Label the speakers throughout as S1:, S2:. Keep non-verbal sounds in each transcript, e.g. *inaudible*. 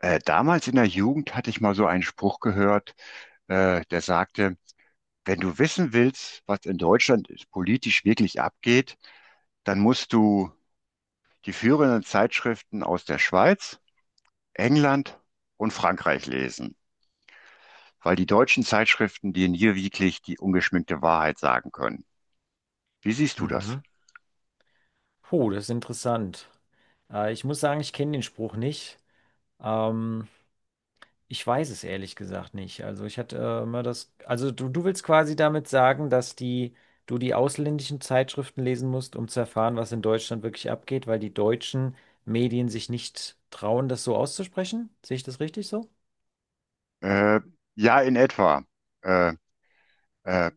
S1: Damals in der Jugend hatte ich mal so einen Spruch gehört, der sagte, wenn du wissen willst, was in Deutschland politisch wirklich abgeht, dann musst du die führenden Zeitschriften aus der Schweiz, England und Frankreich lesen, weil die deutschen Zeitschriften dir nie wirklich die ungeschminkte Wahrheit sagen können. Wie siehst du das?
S2: Mhm. Puh, das ist interessant. Ich muss sagen, ich kenne den Spruch nicht. Ähm, ich weiß es ehrlich gesagt nicht. Also ich hatte immer das. Also du willst quasi damit sagen, dass du die ausländischen Zeitschriften lesen musst, um zu erfahren, was in Deutschland wirklich abgeht, weil die deutschen Medien sich nicht trauen, das so auszusprechen? Sehe ich das richtig so?
S1: Äh, ja, in etwa. Äh, äh,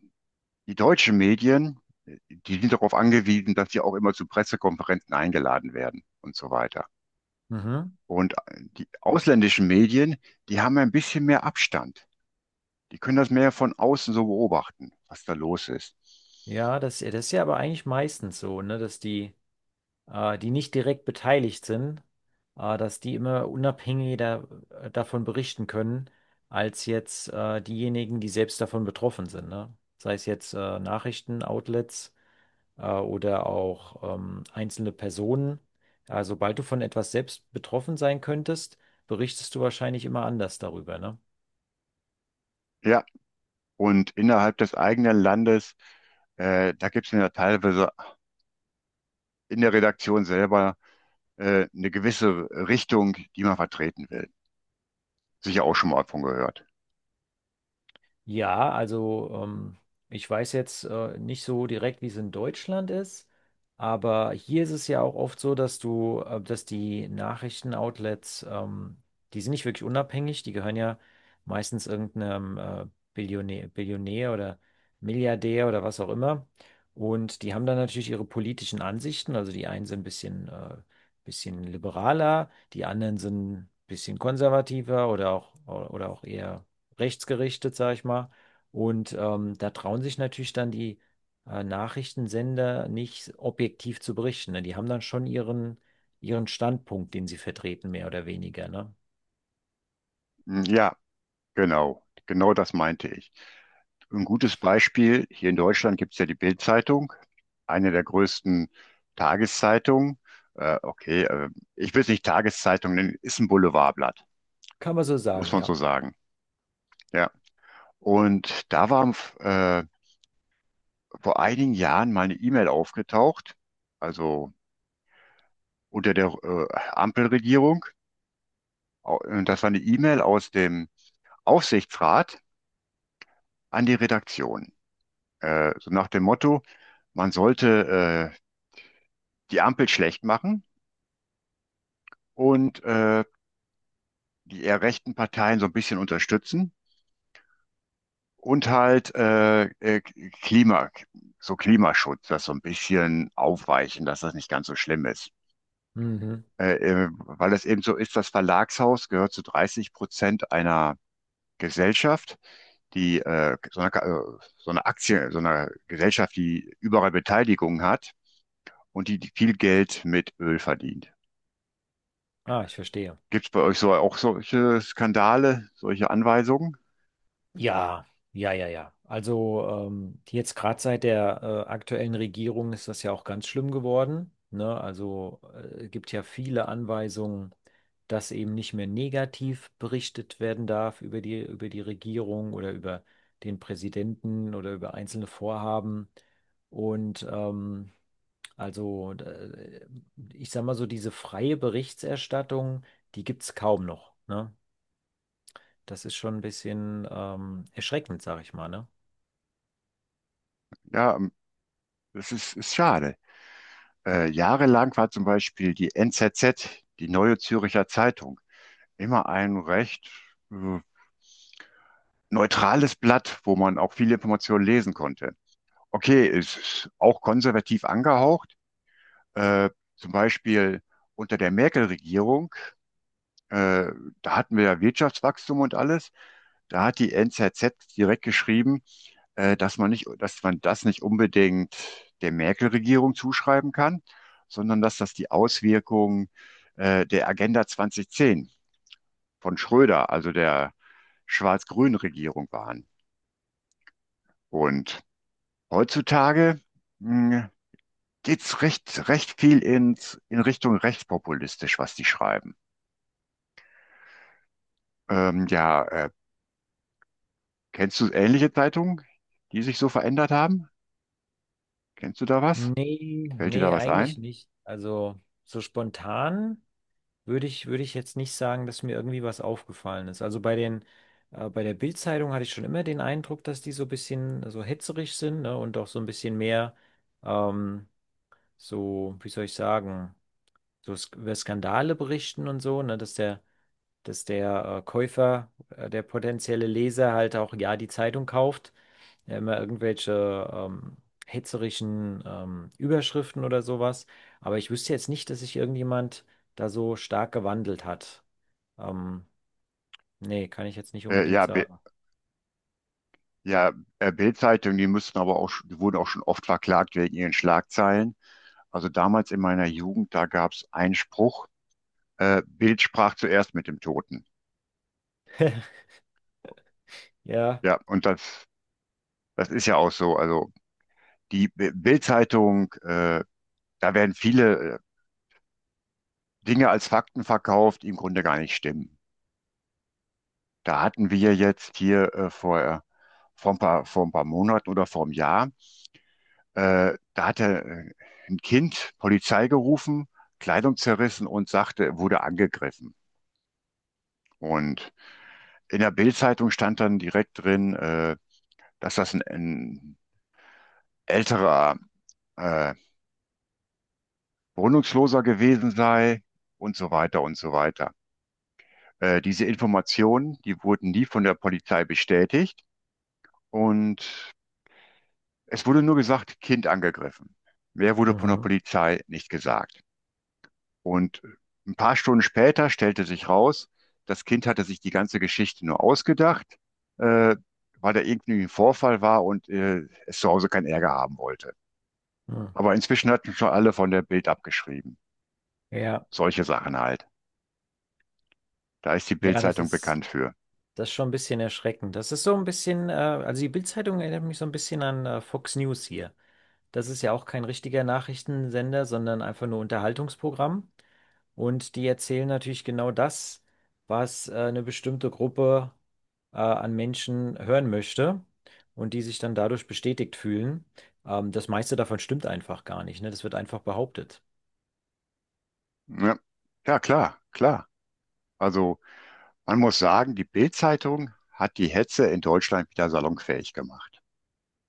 S1: die deutschen Medien, die sind darauf angewiesen, dass sie auch immer zu Pressekonferenzen eingeladen werden und so weiter.
S2: Mhm.
S1: Und die ausländischen Medien, die haben ein bisschen mehr Abstand. Die können das mehr von außen so beobachten, was da los ist.
S2: Ja, das ist ja aber eigentlich meistens so, ne, dass die die nicht direkt beteiligt sind, dass die immer unabhängiger davon berichten können, als jetzt diejenigen, die selbst davon betroffen sind, ne? Sei es jetzt Nachrichtenoutlets oder auch einzelne Personen. Ja, sobald du von etwas selbst betroffen sein könntest, berichtest du wahrscheinlich immer anders darüber, ne?
S1: Ja, und innerhalb des eigenen Landes, da gibt es ja teilweise in der Redaktion selber eine gewisse Richtung, die man vertreten will. Sicher auch schon mal davon gehört.
S2: Ja, also ich weiß jetzt nicht so direkt, wie es in Deutschland ist, aber hier ist es ja auch oft so, dass du, dass die Nachrichtenoutlets, die sind nicht wirklich unabhängig, die gehören ja meistens irgendeinem Billionär, Billionär oder Milliardär oder was auch immer. Und die haben dann natürlich ihre politischen Ansichten, also die einen sind ein bisschen, bisschen liberaler, die anderen sind ein bisschen konservativer oder auch eher rechtsgerichtet, sag ich mal. Und da trauen sich natürlich dann die Nachrichtensender nicht objektiv zu berichten. Ne? Die haben dann schon ihren Standpunkt, den sie vertreten, mehr oder weniger. Ne?
S1: Hm, ja, genau. Genau das meinte ich. Ein gutes Beispiel, hier in Deutschland gibt es ja die Bild-Zeitung, eine der größten Tageszeitungen. Okay, ich will es nicht Tageszeitung nennen, ist ein Boulevardblatt,
S2: Kann man so
S1: muss
S2: sagen,
S1: man so
S2: ja.
S1: sagen. Ja. Und da war äh, vor einigen Jahren mal eine E-Mail aufgetaucht, also unter der Ampelregierung. Und das war eine E-Mail aus dem Aufsichtsrat an die Redaktion. So nach dem Motto, man sollte die Ampel schlecht machen und die eher rechten Parteien so ein bisschen unterstützen und halt Klima, so Klimaschutz, das so ein bisschen aufweichen, dass das nicht ganz so schlimm ist.
S2: Mhm.
S1: äh, weil es eben so ist, das Verlagshaus gehört zu 30% einer Gesellschaft, die so eine Aktie, so eine Gesellschaft, die überall Beteiligung hat und die viel Geld mit Öl verdient.
S2: Ah, ich verstehe.
S1: Gibt es bei euch so auch solche Skandale, solche Anweisungen?
S2: Ja, ja, ja, ja. Also jetzt gerade seit der aktuellen Regierung ist das ja auch ganz schlimm geworden. Ne? Also gibt ja viele Anweisungen, dass eben nicht mehr negativ berichtet werden darf über über die Regierung oder über den Präsidenten oder über einzelne Vorhaben. Und also ich sag mal so, diese freie Berichterstattung, die gibt es kaum noch. Ne? Das ist schon ein bisschen erschreckend, sag ich mal, ne?
S1: Ja, das ist schade. Jahrelang war zum Beispiel die NZZ, die Neue Zürcher Zeitung, immer ein recht äh, neutrales Blatt, wo man auch viele Informationen lesen konnte. Okay, es ist auch konservativ angehaucht. Äh, zum Beispiel unter der Merkel-Regierung, äh, da hatten wir ja Wirtschaftswachstum und alles. Da hat die NZZ direkt geschrieben, dass man nicht, dass man das nicht unbedingt der Merkel-Regierung zuschreiben kann, sondern dass das die Auswirkung der Agenda 2010 von Schröder, also der schwarz-grünen Regierung waren. Und heutzutage hm, geht's recht, recht viel in Richtung rechtspopulistisch, was die schreiben. Ja, kennst du ähnliche Zeitungen, die sich so verändert haben? Kennst du da was?
S2: Nee,
S1: Fällt dir da
S2: nee,
S1: was
S2: eigentlich
S1: ein?
S2: nicht. Also so spontan würde ich jetzt nicht sagen, dass mir irgendwie was aufgefallen ist. Also bei bei der Bild-Zeitung hatte ich schon immer den Eindruck, dass die so ein bisschen so hetzerig sind, ne? Und auch so ein bisschen mehr ähm, so, wie soll ich sagen, so Sk über Skandale berichten und so, ne? Dass der Käufer, der potenzielle Leser halt auch ja die Zeitung kauft, ja, immer irgendwelche hetzerischen Überschriften oder sowas. Aber ich wüsste jetzt nicht, dass sich irgendjemand da so stark gewandelt hat. Ähm, Nee, kann ich jetzt nicht
S1: Äh,
S2: unbedingt
S1: ja,
S2: sagen.
S1: ja, Bild-Zeitung, die müssten aber auch, die wurden auch schon oft verklagt wegen ihren Schlagzeilen. Also damals in meiner Jugend, da gab's einen Spruch, Bild sprach zuerst mit dem Toten.
S2: *laughs* Ja.
S1: Ja, und das ist ja auch so. Also die Bild-Zeitung, da werden viele Dinge als Fakten verkauft, die im Grunde gar nicht stimmen. Da hatten wir jetzt hier vor ein paar Monaten oder vor einem Jahr, da hatte ein Kind Polizei gerufen, Kleidung zerrissen und sagte, er wurde angegriffen. Und in der Bild-Zeitung stand dann direkt drin, dass das ein älterer äh, Wohnungsloser gewesen sei und so weiter und so weiter. Diese Informationen, die wurden nie von der Polizei bestätigt und es wurde nur gesagt, Kind angegriffen. Mehr wurde von der
S2: Mhm.
S1: Polizei nicht gesagt. Und ein paar Stunden später stellte sich raus, das Kind hatte sich die ganze Geschichte nur ausgedacht, äh, weil da irgendwie ein Vorfall war und es zu Hause keinen Ärger haben wollte.
S2: Hm.
S1: Aber inzwischen hatten schon alle von der Bild abgeschrieben.
S2: Ja,
S1: Solche Sachen halt. Da ist die
S2: ja,
S1: Bild-Zeitung bekannt für.
S2: das ist schon ein bisschen erschreckend. Das ist so ein bisschen, also die Bildzeitung erinnert mich so ein bisschen an Fox News hier. Das ist ja auch kein richtiger Nachrichtensender, sondern einfach nur Unterhaltungsprogramm. Und die erzählen natürlich genau das, was eine bestimmte Gruppe an Menschen hören möchte und die sich dann dadurch bestätigt fühlen. Das meiste davon stimmt einfach gar nicht, ne? Das wird einfach behauptet.
S1: Ja, ja, klar, klar. Also man muss sagen, die Bild-Zeitung hat die Hetze in Deutschland wieder salonfähig gemacht.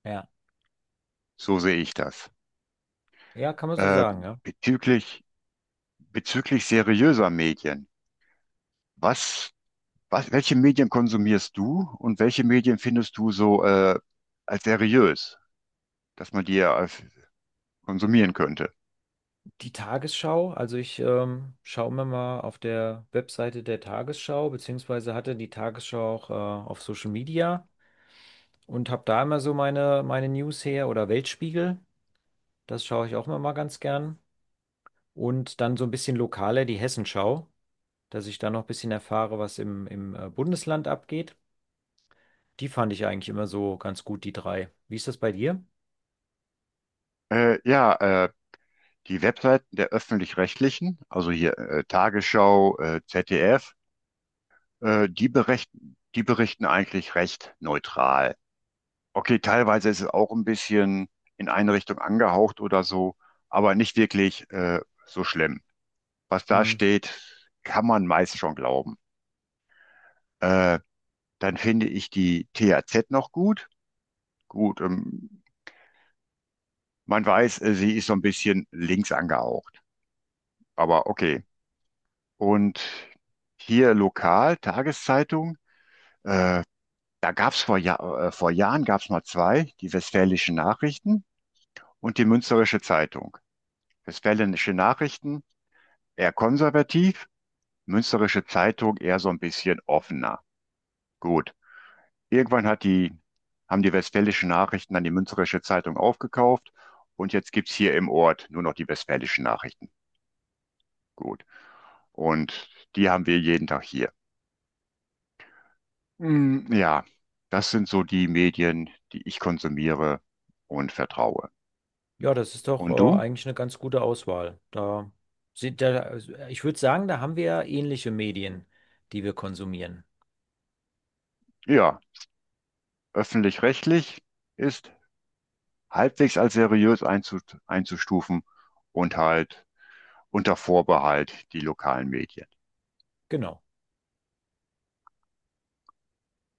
S2: Ja.
S1: So sehe ich das.
S2: Ja, kann man so
S1: Äh,
S2: sagen, ja.
S1: bezüglich, bezüglich seriöser Medien. Was, welche Medien konsumierst du und welche Medien findest du so als seriös, dass man die ja als konsumieren könnte?
S2: Die Tagesschau, also ich schaue mir mal auf der Webseite der Tagesschau, beziehungsweise hatte die Tagesschau auch auf Social Media. Und habe da immer so meine News her oder Weltspiegel. Das schaue ich auch immer mal ganz gern. Und dann so ein bisschen lokaler die Hessenschau, dass ich da noch ein bisschen erfahre, was im Bundesland abgeht. Die fand ich eigentlich immer so ganz gut, die drei. Wie ist das bei dir?
S1: Ja, die Webseiten der öffentlich-rechtlichen, also hier Tagesschau, ZDF, die berichten eigentlich recht neutral. Okay, teilweise ist es auch ein bisschen in eine Richtung angehaucht oder so, aber nicht wirklich so schlimm. Was da
S2: Hm.
S1: steht, kann man meist schon glauben. Äh, dann finde ich die THZ noch gut. Gut, man weiß, sie ist so ein bisschen links angehaucht, aber okay. Und hier lokal, Tageszeitung, da gab es vor Jahren gab es mal zwei, die Westfälischen Nachrichten und die Münsterische Zeitung. Westfälische Nachrichten eher konservativ, Münsterische Zeitung eher so ein bisschen offener. Gut. Irgendwann hat die, haben die Westfälischen Nachrichten dann die Münsterische Zeitung aufgekauft und jetzt gibt's hier im Ort nur noch die Westfälischen Nachrichten. Gut. Und die haben wir jeden Tag hier. Mm, ja, das sind so die Medien, die ich konsumiere und vertraue.
S2: Ja, das ist doch
S1: Und du?
S2: eigentlich eine ganz gute Auswahl. Ich würde sagen, da haben wir ähnliche Medien, die wir konsumieren.
S1: Ja, öffentlich-rechtlich ist halbwegs als seriös einzustufen und halt unter Vorbehalt die lokalen Medien.
S2: Genau.